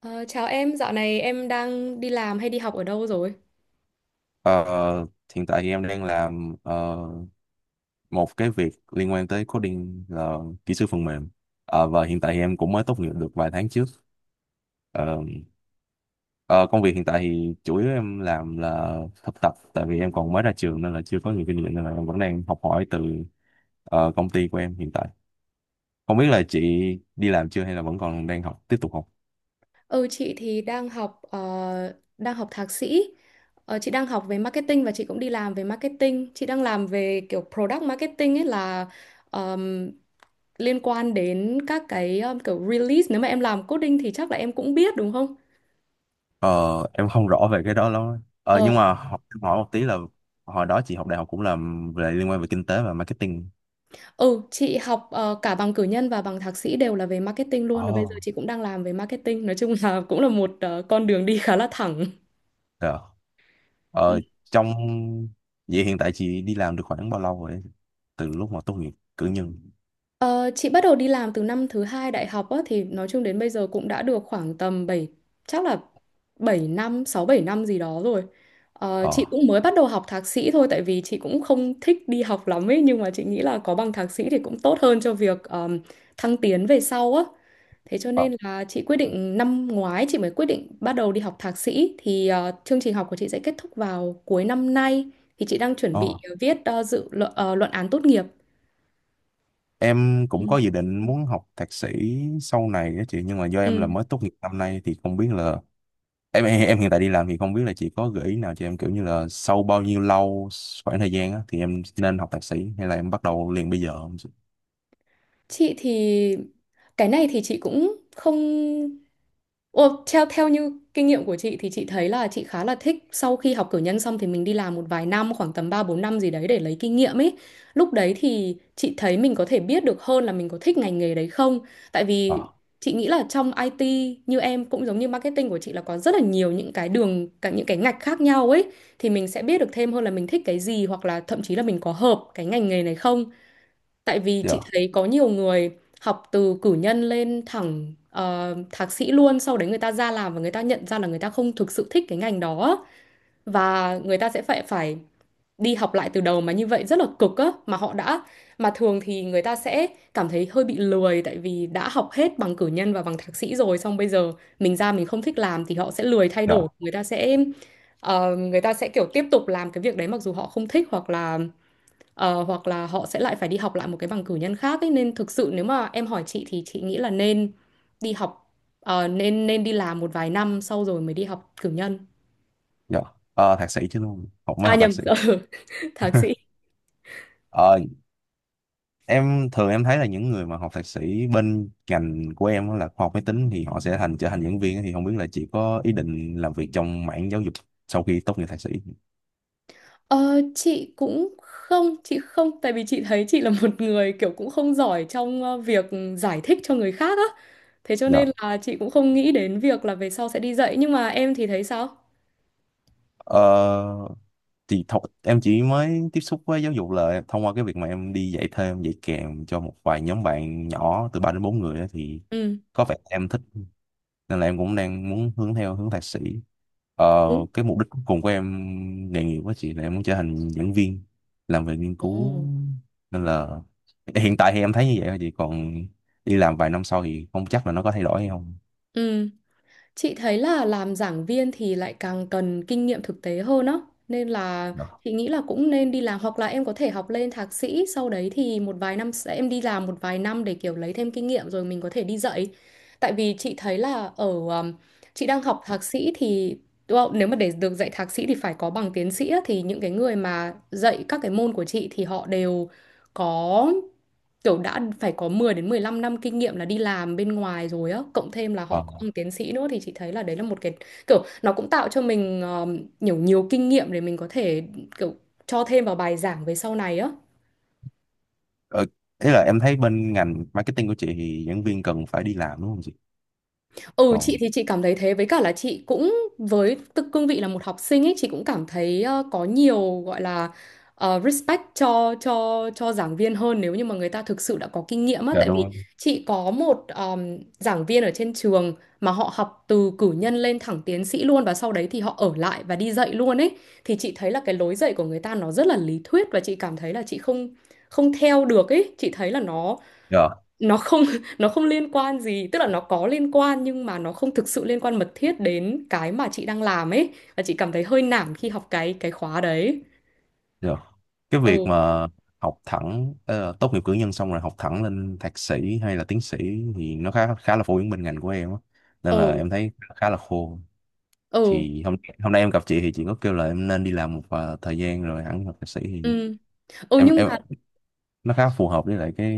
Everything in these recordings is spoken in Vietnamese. Ờ, chào em, dạo này em đang đi làm hay đi học ở đâu rồi? Ờ, Hiện tại thì em đang làm một cái việc liên quan tới coding là kỹ sư phần mềm. Ờ, và hiện tại thì em cũng mới tốt nghiệp được vài tháng trước. Ờ, ờ, Công việc hiện tại thì chủ yếu em làm là thực tập, tại vì em còn mới ra trường nên là chưa có nhiều kinh nghiệm nên là em vẫn đang học hỏi từ công ty của em hiện tại. Không biết là chị đi làm chưa hay là vẫn còn đang học, tiếp tục học? Ừ, chị thì đang học thạc sĩ. Chị đang học về marketing và chị cũng đi làm về marketing. Chị đang làm về kiểu product marketing ấy là ờm, liên quan đến các cái kiểu release. Nếu mà em làm coding thì chắc là em cũng biết đúng không? Ờ, em không rõ về cái đó lắm. Ờ, Ờ, nhưng mà hỏi, em hỏi một tí là hồi đó chị học đại học cũng làm về liên quan về kinh tế và marketing. ừ, chị học cả bằng cử nhân và bằng thạc sĩ đều là về marketing luôn. Và bây giờ Ồ, chị cũng đang làm về marketing. Nói chung là cũng là một con đường đi khá là thẳng. dạ. Ờ, Ừ. trong Vậy hiện tại chị đi làm được khoảng bao lâu rồi? Từ lúc mà tốt nghiệp cử nhân. Ờ, chị bắt đầu đi làm từ năm thứ hai đại học á, thì nói chung đến bây giờ cũng đã được khoảng tầm bảy, chắc là 7 năm, 6-7 năm gì đó rồi. Chị Ờ. cũng mới bắt đầu học thạc sĩ thôi tại vì chị cũng không thích đi học lắm ấy nhưng mà chị nghĩ là có bằng thạc sĩ thì cũng tốt hơn cho việc thăng tiến về sau á. Thế cho Ờ. nên là chị quyết định năm ngoái chị mới quyết định bắt đầu đi học thạc sĩ thì chương trình học của chị sẽ kết thúc vào cuối năm nay thì chị đang chuẩn bị Ờ. viết luận án tốt nghiệp. Em Ừ. cũng có dự định muốn học thạc sĩ sau này á chị, nhưng mà do em là Ừ. mới tốt nghiệp năm nay thì không biết là em hiện tại đi làm thì không biết là chị có gợi ý nào cho em kiểu như là sau bao nhiêu lâu khoảng thời gian á, thì em nên học thạc sĩ hay là em bắt đầu liền bây giờ không chị? Chị thì cái này thì chị cũng không. Ồ, theo theo như kinh nghiệm của chị thì chị thấy là chị khá là thích sau khi học cử nhân xong thì mình đi làm một vài năm khoảng tầm 3-4 năm gì đấy để lấy kinh nghiệm ấy. Lúc đấy thì chị thấy mình có thể biết được hơn là mình có thích ngành nghề đấy không. Tại Ờ, vì chị nghĩ là trong IT như em cũng giống như marketing của chị là có rất là nhiều những cái đường cả những cái ngạch khác nhau ấy thì mình sẽ biết được thêm hơn là mình thích cái gì hoặc là thậm chí là mình có hợp cái ngành nghề này không. Tại vì chị dạ, thấy có nhiều người học từ cử nhân lên thẳng thạc sĩ luôn, sau đấy người ta ra làm và người ta nhận ra là người ta không thực sự thích cái ngành đó và người ta sẽ phải phải đi học lại từ đầu mà như vậy rất là cực á, mà họ đã, mà thường thì người ta sẽ cảm thấy hơi bị lười tại vì đã học hết bằng cử nhân và bằng thạc sĩ rồi xong bây giờ mình ra mình không thích làm thì họ sẽ lười thay dạ, đổi, người ta sẽ kiểu tiếp tục làm cái việc đấy mặc dù họ không thích, hoặc là hoặc là họ sẽ lại phải đi học lại một cái bằng cử nhân khác ấy. Nên thực sự nếu mà em hỏi chị thì chị nghĩ là nên đi học nên đi làm một vài năm sau rồi mới đi học cử nhân, dạ. Thạc sĩ chứ luôn, mới à học thạc nhầm, sĩ. Thạc sĩ. Ờ, em thường em thấy là những người mà học thạc sĩ bên ngành của em á là khoa học máy tính thì họ sẽ trở thành giảng viên á, thì không biết là chị có ý định làm việc trong mảng giáo dục sau khi tốt nghiệp thạc sĩ. Chị không, tại vì chị thấy chị là một người kiểu cũng không giỏi trong việc giải thích cho người khác á, thế cho nên Dạ. là chị cũng không nghĩ đến việc là về sau sẽ đi dạy, nhưng mà em thì thấy sao? Ờ, thì em chỉ mới tiếp xúc với giáo dục là thông qua cái việc mà em đi dạy thêm dạy kèm cho một vài nhóm bạn nhỏ từ 3 đến 4 người á, thì Ừ. có vẻ em thích nên là em cũng đang muốn hướng theo hướng thạc sĩ. ờ, Ừ. cái mục đích cuối cùng của em nghề nghiệp với chị là em muốn trở thành giảng viên làm về nghiên Ồ. cứu, nên là hiện tại thì em thấy như vậy thôi chị, còn đi làm vài năm sau thì không chắc là nó có thay đổi hay không. Ừ. Chị thấy là làm giảng viên thì lại càng cần kinh nghiệm thực tế hơn á. Nên là Đó. chị nghĩ là cũng nên đi làm hoặc là em có thể học lên thạc sĩ, sau đấy thì một vài năm em đi làm một vài năm để kiểu lấy thêm kinh nghiệm rồi mình có thể đi dạy. Tại vì chị thấy là ở um, chị đang học thạc sĩ thì nếu mà để được dạy thạc sĩ thì phải có bằng tiến sĩ á, thì những cái người mà dạy các cái môn của chị thì họ đều có, kiểu đã phải có 10 đến 15 năm kinh nghiệm là đi làm bên ngoài rồi á, cộng thêm là ờ, họ có bằng tiến sĩ nữa, thì chị thấy là đấy là một cái kiểu nó cũng tạo cho mình nhiều nhiều kinh nghiệm để mình có thể kiểu cho thêm vào bài giảng về sau này á. ờ, Ý là em thấy bên ngành marketing của chị thì giảng viên cần phải đi làm đúng không chị? Ừ, chị Còn thì chị cảm thấy thế, với cả là chị cũng với tư cương vị là một học sinh ấy, chị cũng cảm thấy có nhiều, gọi là respect cho giảng viên hơn nếu như mà người ta thực sự đã có kinh nghiệm á, dạ tại đúng vì rồi, chị có một giảng viên ở trên trường mà họ học từ cử nhân lên thẳng tiến sĩ luôn và sau đấy thì họ ở lại và đi dạy luôn ấy, thì chị thấy là cái lối dạy của người ta nó rất là lý thuyết và chị cảm thấy là chị không không theo được ấy, chị thấy là nó dạ, nó không nó không liên quan gì, tức là nó có liên quan nhưng mà nó không thực sự liên quan mật thiết đến cái mà chị đang làm ấy, và chị cảm thấy hơi nản khi học cái khóa đấy. dạ. Cái việc Ừ. mà học thẳng tốt nghiệp cử nhân xong rồi học thẳng lên thạc sĩ hay là tiến sĩ thì nó khá khá là phổ biến bên ngành của em á, nên Ừ. là em thấy khá là khô. Ừ. Thì hôm hôm nay em gặp chị thì chị có kêu là em nên đi làm một thời gian rồi hẳn học thạc sĩ thì Ừ. Ừ. em Nhưng em mà nó khá phù hợp với lại cái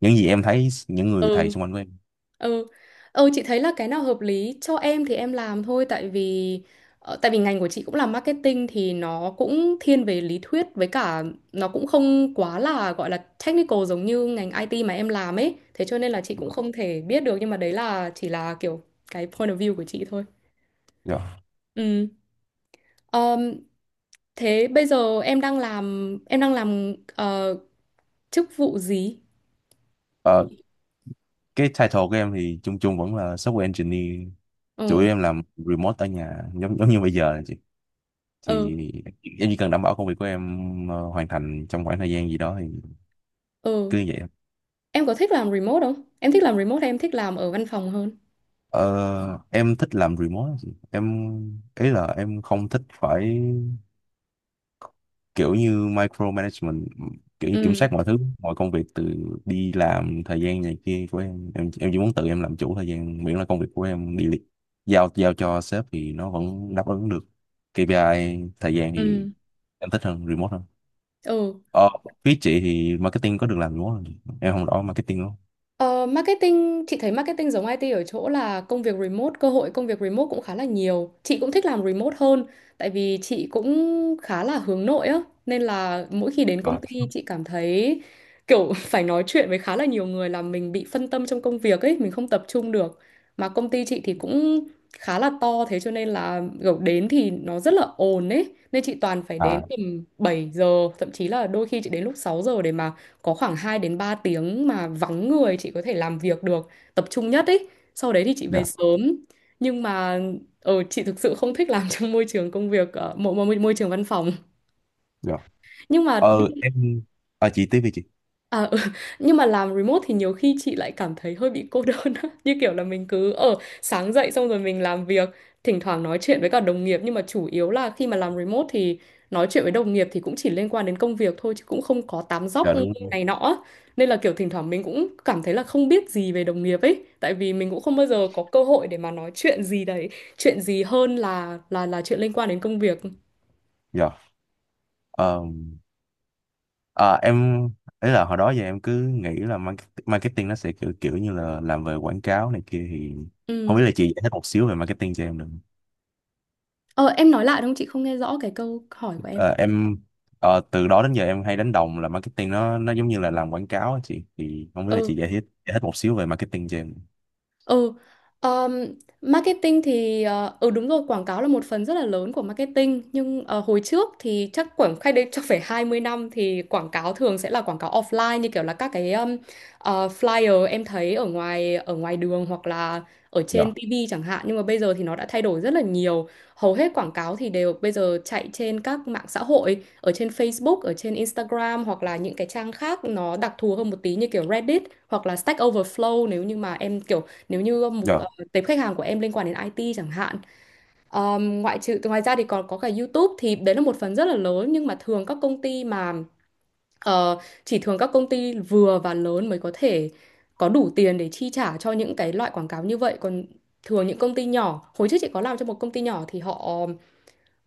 những gì em thấy những người thầy ừ. xung quanh của em. Ừ. Ừ, chị thấy là cái nào hợp lý cho em thì em làm thôi, tại vì tại vì ngành của chị cũng là marketing thì nó cũng thiên về lý thuyết, với cả nó cũng không quá là, gọi là technical giống như ngành IT mà em làm ấy. Thế cho nên là chị cũng không thể biết được, nhưng mà đấy là chỉ là kiểu cái point of view của chị thôi. Dạ. Ừ. Ờm, thế bây giờ em đang làm, em đang làm chức vụ gì? Ờ, cái title của em thì chung chung vẫn là software engineer, chủ Ừ. yếu em làm remote ở nhà giống giống như bây giờ Ừ. thì em chỉ cần đảm bảo công việc của em hoàn thành trong khoảng thời gian gì đó thì Ừ. cứ như vậy thôi. Em có thích làm remote không? Em thích làm remote hay em thích làm ở văn phòng hơn? Ờ, em thích làm remote. Em ý là em không thích phải kiểu như micromanagement, kiểu như kiểm Ừ, soát mọi thứ mọi công việc từ đi làm thời gian này kia của Em chỉ muốn tự em làm chủ thời gian miễn là công việc của em giao giao cho sếp thì nó vẫn đáp ứng được KPI thời gian, thì ừ, em thích hơn remote hơn. ừ. ờ, Phía chị thì marketing có được làm remote không em không rõ marketing? Ờ, marketing, chị thấy marketing giống IT ở chỗ là công việc remote, cơ hội công việc remote cũng khá là nhiều. Chị cũng thích làm remote hơn, tại vì chị cũng khá là hướng nội á, nên là mỗi khi đến công Rồi. ty chị cảm thấy kiểu phải nói chuyện với khá là nhiều người là mình bị phân tâm trong công việc ấy, mình không tập trung được. Mà công ty chị thì cũng khá là to, thế cho nên là kiểu đến thì nó rất là ồn ấy, nên chị toàn phải đến À, tầm 7 giờ, thậm chí là đôi khi chị đến lúc 6 giờ để mà có khoảng 2 đến 3 tiếng mà vắng người chị có thể làm việc được, tập trung nhất ấy. Sau đấy thì chị về dạ, sớm. Nhưng mà chị thực sự không thích làm trong môi trường công việc ở môi trường văn phòng. dạ. Nhưng mà. Ờ, em... À chị tiếp đi chị. À, ừ. Nhưng mà làm remote thì nhiều khi chị lại cảm thấy hơi bị cô đơn á. Như kiểu là mình cứ ở, sáng dậy xong rồi mình làm việc, thỉnh thoảng nói chuyện với cả đồng nghiệp, nhưng mà chủ yếu là khi mà làm remote thì nói chuyện với đồng nghiệp thì cũng chỉ liên quan đến công việc thôi chứ cũng không có tám dóc Dạ, đúng rồi. này nọ á. Nên là kiểu thỉnh thoảng mình cũng cảm thấy là không biết gì về đồng nghiệp ấy, tại vì mình cũng không bao giờ có cơ hội để mà nói chuyện gì đấy, chuyện gì hơn là chuyện liên quan đến công việc. Dạ. Ờ, à, em... Ý là hồi đó giờ em cứ nghĩ là marketing nó sẽ kiểu, kiểu như là làm về quảng cáo này kia thì... Không Ừ. biết là chị giải thích một xíu về marketing cho em được không? Ờ em nói lại đúng không? Chị không nghe rõ cái câu hỏi của Ờ, em... Ờ, từ đó đến giờ em hay đánh đồng là marketing nó giống như là làm quảng cáo á chị. Thì không biết là chị em. Giải thích một xíu về marketing cho em. Ừ, um, marketing thì ừ đúng rồi, quảng cáo là một phần rất là lớn của marketing, nhưng hồi trước thì chắc khoảng cách đây chắc phải 20 năm thì quảng cáo thường sẽ là quảng cáo offline, như kiểu là các cái flyer em thấy ở ngoài đường hoặc là ở trên Dạ, TV chẳng hạn, nhưng mà bây giờ thì nó đã thay đổi rất là nhiều. Hầu hết quảng cáo thì đều bây giờ chạy trên các mạng xã hội, ở trên Facebook, ở trên Instagram hoặc là những cái trang khác nó đặc thù hơn một tí như kiểu Reddit hoặc là Stack Overflow, nếu như mà em kiểu, nếu như mục dạ, tệp khách hàng của em liên quan đến IT chẳng hạn. Ngoại trừ Ngoài ra thì còn có cả YouTube, thì đấy là một phần rất là lớn, nhưng mà thường các công ty mà ờ, chỉ, thường các công ty vừa và lớn mới có thể có đủ tiền để chi trả cho những cái loại quảng cáo như vậy, còn thường những công ty nhỏ, hồi trước chị có làm cho một công ty nhỏ thì họ,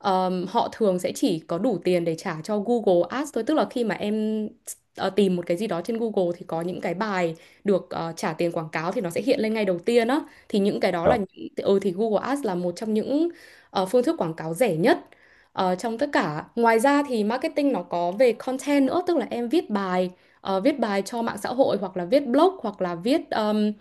Họ thường sẽ chỉ có đủ tiền để trả cho Google Ads thôi, tức là khi mà em tìm một cái gì đó trên Google thì có những cái bài được trả tiền quảng cáo thì nó sẽ hiện lên ngay đầu tiên á, thì những cái đó là dạ, những, thì Google Ads là một trong những phương thức quảng cáo rẻ nhất trong tất cả. Ngoài ra thì marketing nó có về content nữa, tức là em viết bài, cho mạng xã hội hoặc là viết blog hoặc là viết ờm,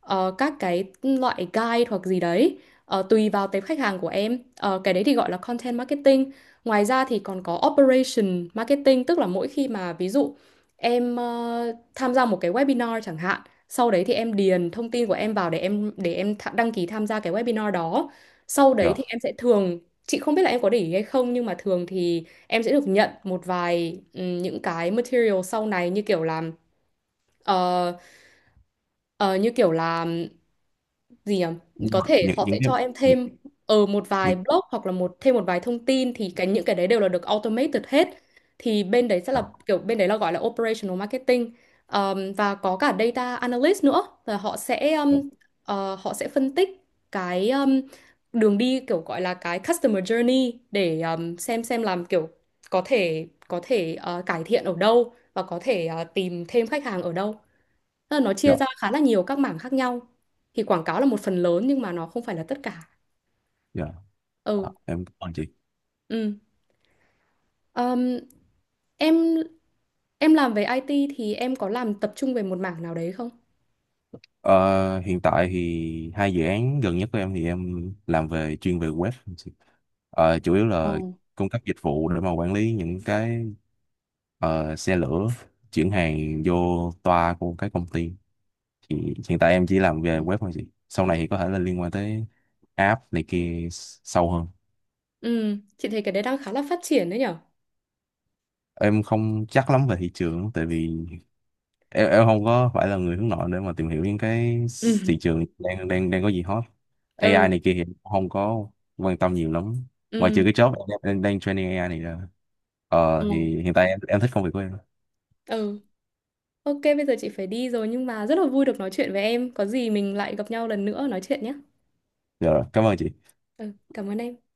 ờ, các cái loại guide hoặc gì đấy. Tùy vào tệp khách hàng của em. Ờ, cái đấy thì gọi là content marketing. Ngoài ra thì còn có operation marketing, tức là mỗi khi mà ví dụ em tham gia một cái webinar chẳng hạn, sau đấy thì em điền thông tin của em vào để em đăng ký tham gia cái webinar đó, sau đấy dạ. thì em sẽ thường, chị không biết là em có để ý hay không nhưng mà thường thì em sẽ được nhận một vài, những cái material sau này như kiểu là, ờ, ờ, như kiểu là gì nhỉ? Nhưng Có mà thể họ những sẽ cái... cho em Những, thêm ở một vài những, blog hoặc là một, thêm một vài thông tin, thì cái những cái đấy đều là được automated hết. Thì bên đấy sẽ dạ, là kiểu, bên đấy là gọi là operational marketing. Và có cả data analyst nữa, là họ sẽ họ sẽ phân tích cái đường đi, kiểu gọi là cái customer journey để xem làm kiểu có thể cải thiện ở đâu và có thể tìm thêm khách hàng ở đâu. Tức là nó chia dạ, ra khá là nhiều các mảng khác nhau. Thì quảng cáo là một phần lớn, nhưng mà nó không phải là tất cả. dạ. Ờ, Ừ, em cảm ơn chị. ừ. Ờm, em em làm về IT thì em có làm tập trung về một mảng nào đấy không? Ờ, hiện tại thì hai dự án gần nhất của em thì em làm về chuyên về web. Ờ, chủ yếu là Ồ. cung cấp dịch vụ để mà quản lý những cái xe lửa chuyển hàng vô toa của cái công ty, thì hiện tại em chỉ làm về Ừ. web thôi chị, sau này thì có thể là liên quan tới app này kia sâu hơn. Ừ, chị thấy cái đấy đang khá là phát triển đấy nhở? Em không chắc lắm về thị trường tại vì em không có phải là người hướng nội để mà tìm hiểu những cái Ừ. thị trường đang đang đang có gì hot, AI Ừ, này kia thì em cũng không có quan tâm nhiều lắm, ngoài ừ, trừ cái job em đang training AI này ra. Ờ ừ, thì hiện tại em thích công việc của em. ừ. Ok, bây giờ chị phải đi rồi nhưng mà rất là vui được nói chuyện với em. Có gì mình lại gặp nhau lần nữa nói chuyện nhé. Dạ rồi, cảm ơn chị. Ừ, cảm ơn em.